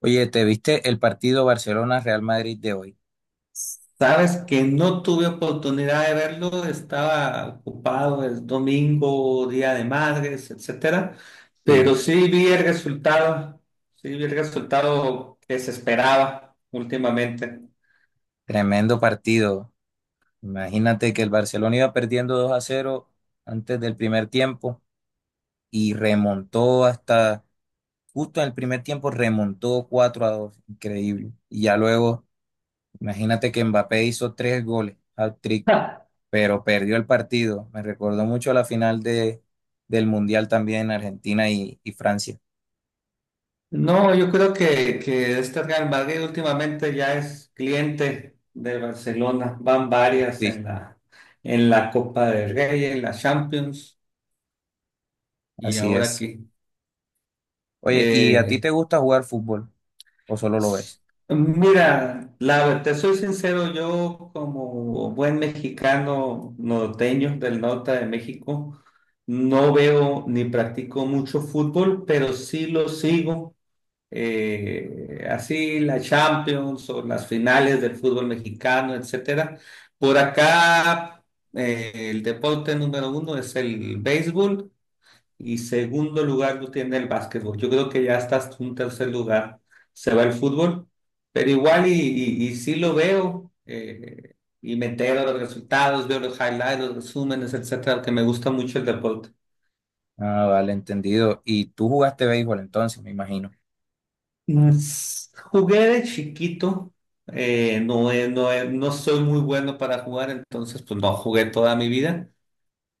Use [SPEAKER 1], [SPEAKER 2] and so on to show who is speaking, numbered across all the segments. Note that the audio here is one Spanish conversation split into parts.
[SPEAKER 1] Oye, ¿te viste el partido Barcelona-Real Madrid de hoy?
[SPEAKER 2] Sabes que no tuve oportunidad de verlo, estaba ocupado el domingo, Día de Madres, etcétera,
[SPEAKER 1] Sí,
[SPEAKER 2] pero sí vi el resultado, sí vi el resultado que se esperaba últimamente.
[SPEAKER 1] tremendo partido. Imagínate que el Barcelona iba perdiendo 2-0 antes del primer tiempo y remontó hasta, justo en el primer tiempo remontó 4-2, increíble. Y ya luego, imagínate que Mbappé hizo tres goles, hat-trick,
[SPEAKER 2] Ja.
[SPEAKER 1] pero perdió el partido. Me recordó mucho la final de, del Mundial también Argentina y Francia.
[SPEAKER 2] No, yo creo que este Real Madrid últimamente ya es cliente de Barcelona, van varias
[SPEAKER 1] Sí,
[SPEAKER 2] en en la Copa del Rey, en la Champions y
[SPEAKER 1] así
[SPEAKER 2] ahora
[SPEAKER 1] es.
[SPEAKER 2] aquí.
[SPEAKER 1] Oye, ¿y a ti
[SPEAKER 2] Eh,
[SPEAKER 1] te gusta jugar fútbol o solo lo ves?
[SPEAKER 2] Mira, te soy sincero, yo como buen mexicano norteño del norte de México, no veo ni practico mucho fútbol, pero sí lo sigo. Así la Champions o las finales del fútbol mexicano, etcétera. Por acá, el deporte número uno es el béisbol. Y segundo lugar lo tiene el básquetbol. Yo creo que ya estás un tercer lugar. Se va el fútbol, pero igual y sí lo veo. Y me entero de los resultados, veo los highlights, los resúmenes, etcétera, que me gusta mucho el deporte.
[SPEAKER 1] Ah, vale, entendido. Y tú jugaste béisbol entonces, me imagino.
[SPEAKER 2] Jugué de chiquito. No, no, no soy muy bueno para jugar, entonces pues no jugué toda mi vida.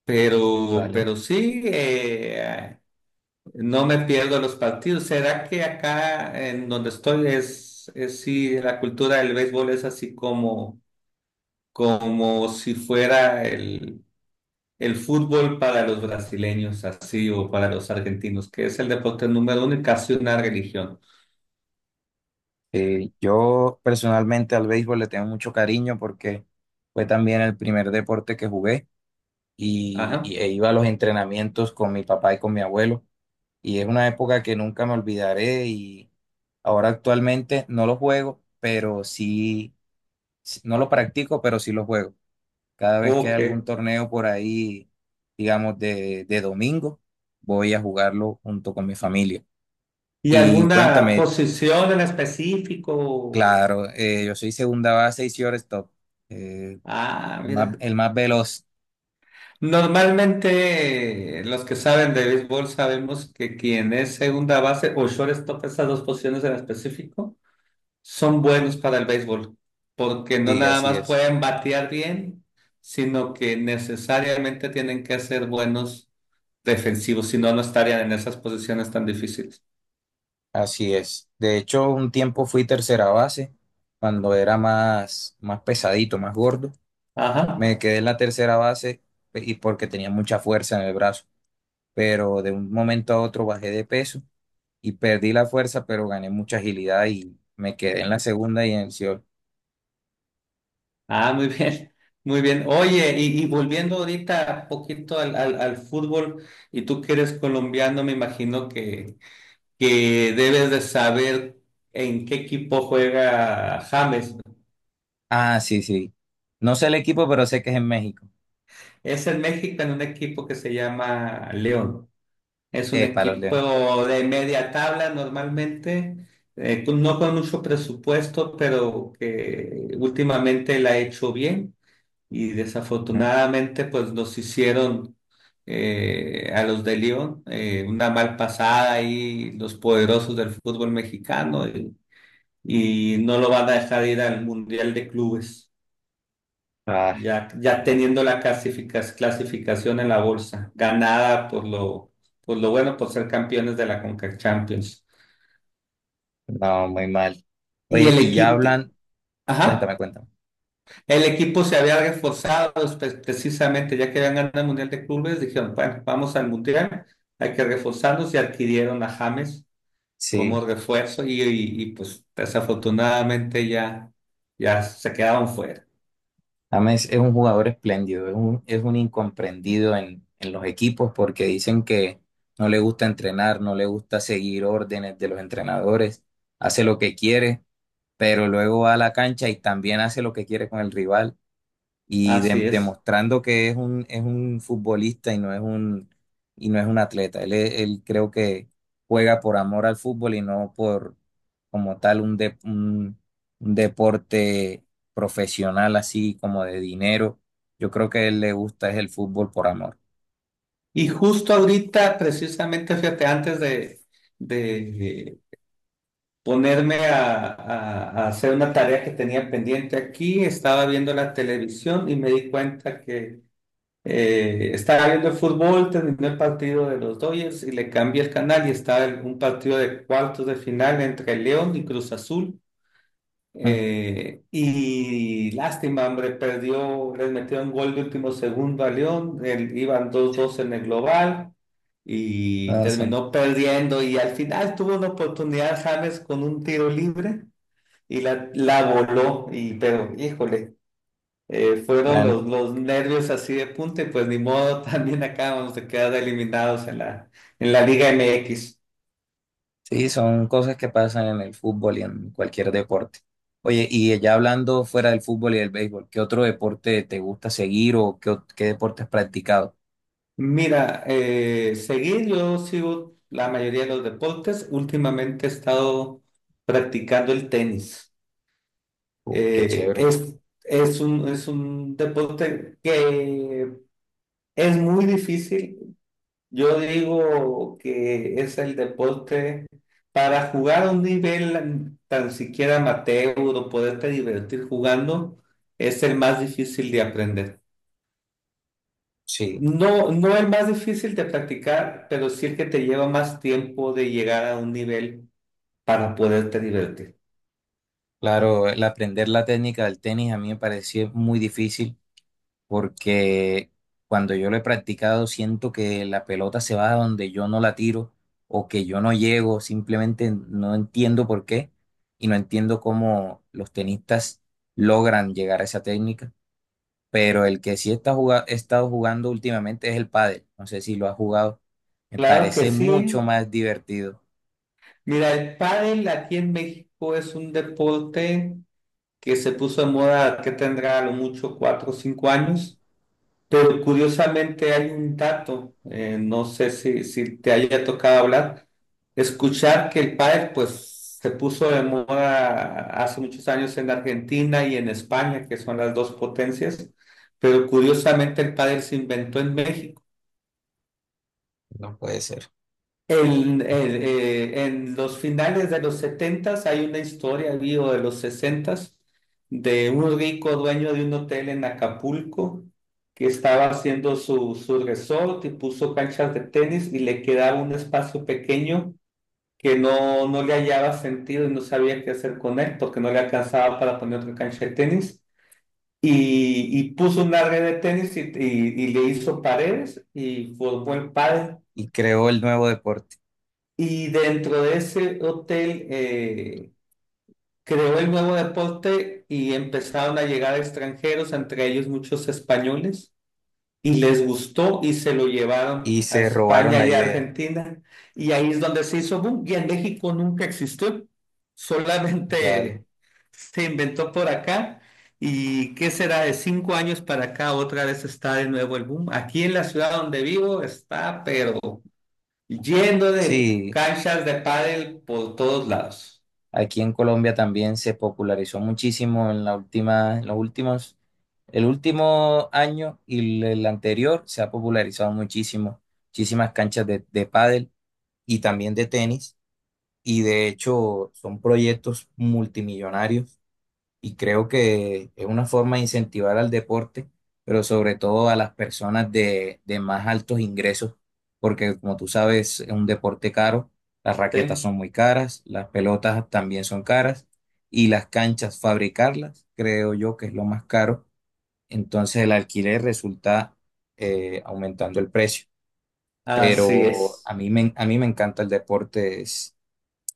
[SPEAKER 2] Pero,
[SPEAKER 1] Vale.
[SPEAKER 2] pero sí, no me pierdo los partidos. ¿Será que acá en donde estoy es sí, la cultura del béisbol es así como, como si fuera el fútbol para los brasileños, así, o para los argentinos, que es el deporte número uno y casi una religión?
[SPEAKER 1] Yo personalmente al béisbol le tengo mucho cariño porque fue también el primer deporte que jugué
[SPEAKER 2] Ajá.
[SPEAKER 1] e iba a los entrenamientos con mi papá y con mi abuelo. Y es una época que nunca me olvidaré y ahora actualmente no lo juego, pero no lo practico, pero sí lo juego. Cada vez que hay
[SPEAKER 2] Ok.
[SPEAKER 1] algún torneo por ahí, digamos, de domingo, voy a jugarlo junto con mi familia.
[SPEAKER 2] ¿Y
[SPEAKER 1] Y
[SPEAKER 2] alguna
[SPEAKER 1] cuéntame,
[SPEAKER 2] posición en específico?
[SPEAKER 1] claro, yo soy segunda base y shortstop, eh,
[SPEAKER 2] Ah,
[SPEAKER 1] el más,
[SPEAKER 2] mira.
[SPEAKER 1] el más veloz.
[SPEAKER 2] Normalmente los que saben de béisbol sabemos que quien es segunda base o shortstop, esas dos posiciones en específico, son buenos para el béisbol, porque no
[SPEAKER 1] Sí,
[SPEAKER 2] nada
[SPEAKER 1] así
[SPEAKER 2] más
[SPEAKER 1] es,
[SPEAKER 2] pueden batear bien, sino que necesariamente tienen que ser buenos defensivos, si no, no estarían en esas posiciones tan difíciles.
[SPEAKER 1] así es. De hecho, un tiempo fui tercera base, cuando era más, más pesadito, más gordo.
[SPEAKER 2] Ajá.
[SPEAKER 1] Me quedé en la tercera base y porque tenía mucha fuerza en el brazo, pero de un momento a otro bajé de peso y perdí la fuerza, pero gané mucha agilidad y me quedé en la segunda y en el Seoul.
[SPEAKER 2] Ah, muy bien, muy bien. Oye, y volviendo ahorita un poquito al al fútbol, y tú que eres colombiano, me imagino que debes de saber en qué equipo juega James.
[SPEAKER 1] Ah, sí, sí. No sé el equipo, pero sé que es en México.
[SPEAKER 2] Es en México en un equipo que se llama León. Es un
[SPEAKER 1] Para los Leones.
[SPEAKER 2] equipo de media tabla normalmente, no con mucho presupuesto, pero que últimamente la ha hecho bien y
[SPEAKER 1] Ujú.
[SPEAKER 2] desafortunadamente pues nos hicieron a los de León, una mal pasada ahí, los poderosos del fútbol mexicano. Y no lo van a dejar ir al Mundial de Clubes,
[SPEAKER 1] Ah,
[SPEAKER 2] ya
[SPEAKER 1] malo.
[SPEAKER 2] teniendo la clasificación en la bolsa, ganada por por lo bueno, por ser campeones de la CONCACAF Champions.
[SPEAKER 1] No, muy mal.
[SPEAKER 2] Y
[SPEAKER 1] Oye,
[SPEAKER 2] el
[SPEAKER 1] y ya
[SPEAKER 2] equipo,
[SPEAKER 1] hablan,
[SPEAKER 2] ajá,
[SPEAKER 1] cuéntame, cuéntame.
[SPEAKER 2] el equipo se había reforzado, pues, precisamente, ya que habían ganado el Mundial de Clubes, dijeron, bueno, vamos al Mundial, hay que reforzarnos y adquirieron a James
[SPEAKER 1] Sí,
[SPEAKER 2] como refuerzo y pues desafortunadamente ya se quedaron fuera.
[SPEAKER 1] James es un jugador espléndido, es un incomprendido en los equipos porque dicen que no le gusta entrenar, no le gusta seguir órdenes de los entrenadores, hace lo que quiere, pero luego va a la cancha y también hace lo que quiere con el rival y
[SPEAKER 2] Así es.
[SPEAKER 1] demostrando que es un futbolista y no es y no es un atleta. Él, él creo que juega por amor al fútbol y no por como tal un deporte profesional así como de dinero. Yo creo que a él le gusta es el fútbol por amor.
[SPEAKER 2] Y justo ahorita, precisamente, fíjate, antes de ponerme a hacer una tarea que tenía pendiente aquí, estaba viendo la televisión y me di cuenta que estaba viendo el fútbol, terminó el partido de los Dodgers y le cambié el canal y estaba un partido de cuartos de final entre León y Cruz Azul.
[SPEAKER 1] Mm,
[SPEAKER 2] Y lástima, hombre, perdió, les metió un gol de último segundo a León, iban dos 2 en el global y
[SPEAKER 1] no,
[SPEAKER 2] terminó perdiendo y al final tuvo una oportunidad James con un tiro libre y la voló, y pero híjole, fueron
[SPEAKER 1] bueno,
[SPEAKER 2] los nervios así de punta y pues ni modo, también acabamos de quedar eliminados en en la Liga MX.
[SPEAKER 1] sí, son cosas que pasan en el fútbol y en cualquier deporte. Oye, y ya hablando fuera del fútbol y del béisbol, ¿qué otro deporte te gusta seguir o qué deporte has practicado?
[SPEAKER 2] Mira, seguir, yo sigo la mayoría de los deportes. Últimamente he estado practicando el tenis.
[SPEAKER 1] Qué
[SPEAKER 2] Eh,
[SPEAKER 1] chévere.
[SPEAKER 2] es, es es un deporte que es muy difícil. Yo digo que es el deporte para jugar a un nivel tan siquiera amateur o poderte divertir jugando, es el más difícil de aprender.
[SPEAKER 1] Sí,
[SPEAKER 2] No, no el más difícil de practicar, pero sí el que te lleva más tiempo de llegar a un nivel para poderte divertir.
[SPEAKER 1] claro, el aprender la técnica del tenis a mí me pareció muy difícil porque cuando yo lo he practicado siento que la pelota se va a donde yo no la tiro o que yo no llego, simplemente no entiendo por qué y no entiendo cómo los tenistas logran llegar a esa técnica, pero el que sí está he estado jugando últimamente es el pádel, no sé si lo has jugado, me
[SPEAKER 2] Claro que
[SPEAKER 1] parece mucho
[SPEAKER 2] sí.
[SPEAKER 1] más divertido,
[SPEAKER 2] Mira, el pádel aquí en México es un deporte que se puso de moda, que tendrá a lo mucho cuatro o cinco años, pero curiosamente hay un dato, no sé si te haya tocado hablar, escuchar que el pádel pues se puso de moda hace muchos años en Argentina y en España, que son las dos potencias, pero curiosamente el pádel se inventó en México.
[SPEAKER 1] no puede ser,
[SPEAKER 2] En los finales de los setentas hay una historia, vivo de los sesentas, de un rico dueño de un hotel en Acapulco que estaba haciendo su resort y puso canchas de tenis y le quedaba un espacio pequeño que no le hallaba sentido y no sabía qué hacer con él porque no le alcanzaba para poner otra cancha de tenis. Y puso una red de tenis y le hizo paredes y formó el pádel.
[SPEAKER 1] y creó el nuevo deporte.
[SPEAKER 2] Y dentro de ese hotel, creó el nuevo deporte y empezaron a llegar extranjeros, entre ellos muchos españoles y les gustó y se lo llevaron
[SPEAKER 1] Y
[SPEAKER 2] a
[SPEAKER 1] se robaron
[SPEAKER 2] España
[SPEAKER 1] la
[SPEAKER 2] y a
[SPEAKER 1] idea.
[SPEAKER 2] Argentina y ahí es donde se hizo boom y en México nunca existió,
[SPEAKER 1] Vale.
[SPEAKER 2] solamente se inventó por acá y qué será de cinco años para acá otra vez está de nuevo el boom. Aquí en la ciudad donde vivo está pero yendo de
[SPEAKER 1] Sí,
[SPEAKER 2] canchas de pádel por todos lados.
[SPEAKER 1] aquí en Colombia también se popularizó muchísimo en la última, en los últimos, el último año y el anterior se ha popularizado muchísimo, muchísimas canchas de pádel y también de tenis. Y de hecho son proyectos multimillonarios y creo que es una forma de incentivar al deporte, pero sobre todo a las personas de más altos ingresos, porque como tú sabes, es un deporte caro, las raquetas
[SPEAKER 2] ¿Sí?
[SPEAKER 1] son muy caras, las pelotas también son caras y las canchas, fabricarlas, creo yo que es lo más caro, entonces el alquiler resulta aumentando el precio.
[SPEAKER 2] Así
[SPEAKER 1] Pero
[SPEAKER 2] es.
[SPEAKER 1] a mí me encanta el deporte,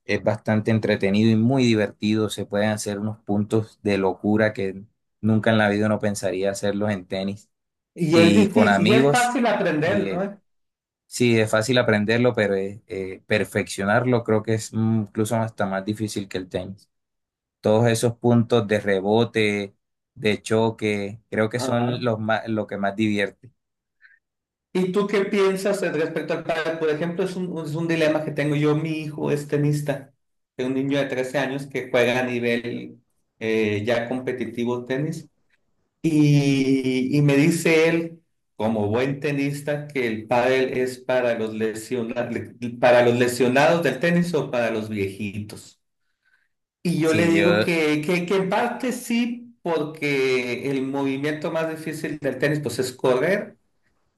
[SPEAKER 1] es bastante entretenido y muy divertido. Se pueden hacer unos puntos de locura que nunca en la vida uno pensaría hacerlos en tenis
[SPEAKER 2] Y es
[SPEAKER 1] y con
[SPEAKER 2] difícil, y es
[SPEAKER 1] amigos.
[SPEAKER 2] fácil
[SPEAKER 1] Y eh,
[SPEAKER 2] aprenderlo, ¿eh?
[SPEAKER 1] sí, es fácil aprenderlo, pero perfeccionarlo creo que es incluso hasta más difícil que el tenis. Todos esos puntos de rebote, de choque, creo que
[SPEAKER 2] Ajá.
[SPEAKER 1] son lo que más divierte.
[SPEAKER 2] ¿Y tú qué piensas al respecto al padre? Por ejemplo, es es un dilema que tengo yo. Mi hijo es tenista, es un niño de 13 años que juega a nivel, ya competitivo tenis. Y me dice él, como buen tenista, que el pádel es para los para los lesionados del tenis o para los viejitos. Y yo le
[SPEAKER 1] Sí,
[SPEAKER 2] digo
[SPEAKER 1] yo,
[SPEAKER 2] que en parte sí, porque el movimiento más difícil del tenis pues es correr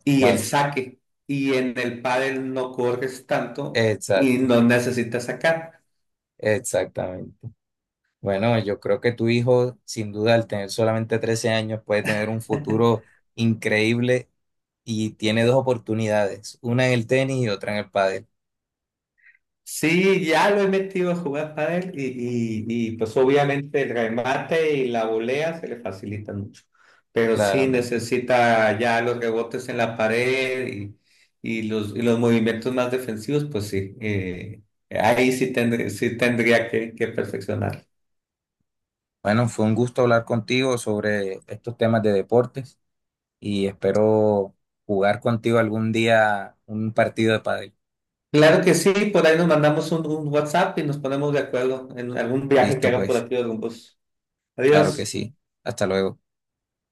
[SPEAKER 2] y el
[SPEAKER 1] claro,
[SPEAKER 2] saque. Y en el pádel no corres tanto y
[SPEAKER 1] exacto,
[SPEAKER 2] no necesitas sacar.
[SPEAKER 1] exactamente. Bueno, yo creo que tu hijo, sin duda, al tener solamente 13 años, puede tener un futuro increíble y tiene dos oportunidades, una en el tenis y otra en el pádel,
[SPEAKER 2] Sí, ya lo he metido a jugar pádel y pues obviamente el remate y la volea se le facilitan mucho. Pero sí
[SPEAKER 1] claramente.
[SPEAKER 2] necesita ya los rebotes en la pared y y los movimientos más defensivos, pues sí. Ahí sí tendría que perfeccionar.
[SPEAKER 1] Bueno, fue un gusto hablar contigo sobre estos temas de deportes y espero jugar contigo algún día un partido de pádel.
[SPEAKER 2] Claro que sí, por ahí nos mandamos un WhatsApp y nos ponemos de acuerdo en algún viaje que
[SPEAKER 1] Listo,
[SPEAKER 2] haga por
[SPEAKER 1] pues,
[SPEAKER 2] aquí de Rumbos.
[SPEAKER 1] claro que
[SPEAKER 2] Adiós.
[SPEAKER 1] sí. Hasta luego.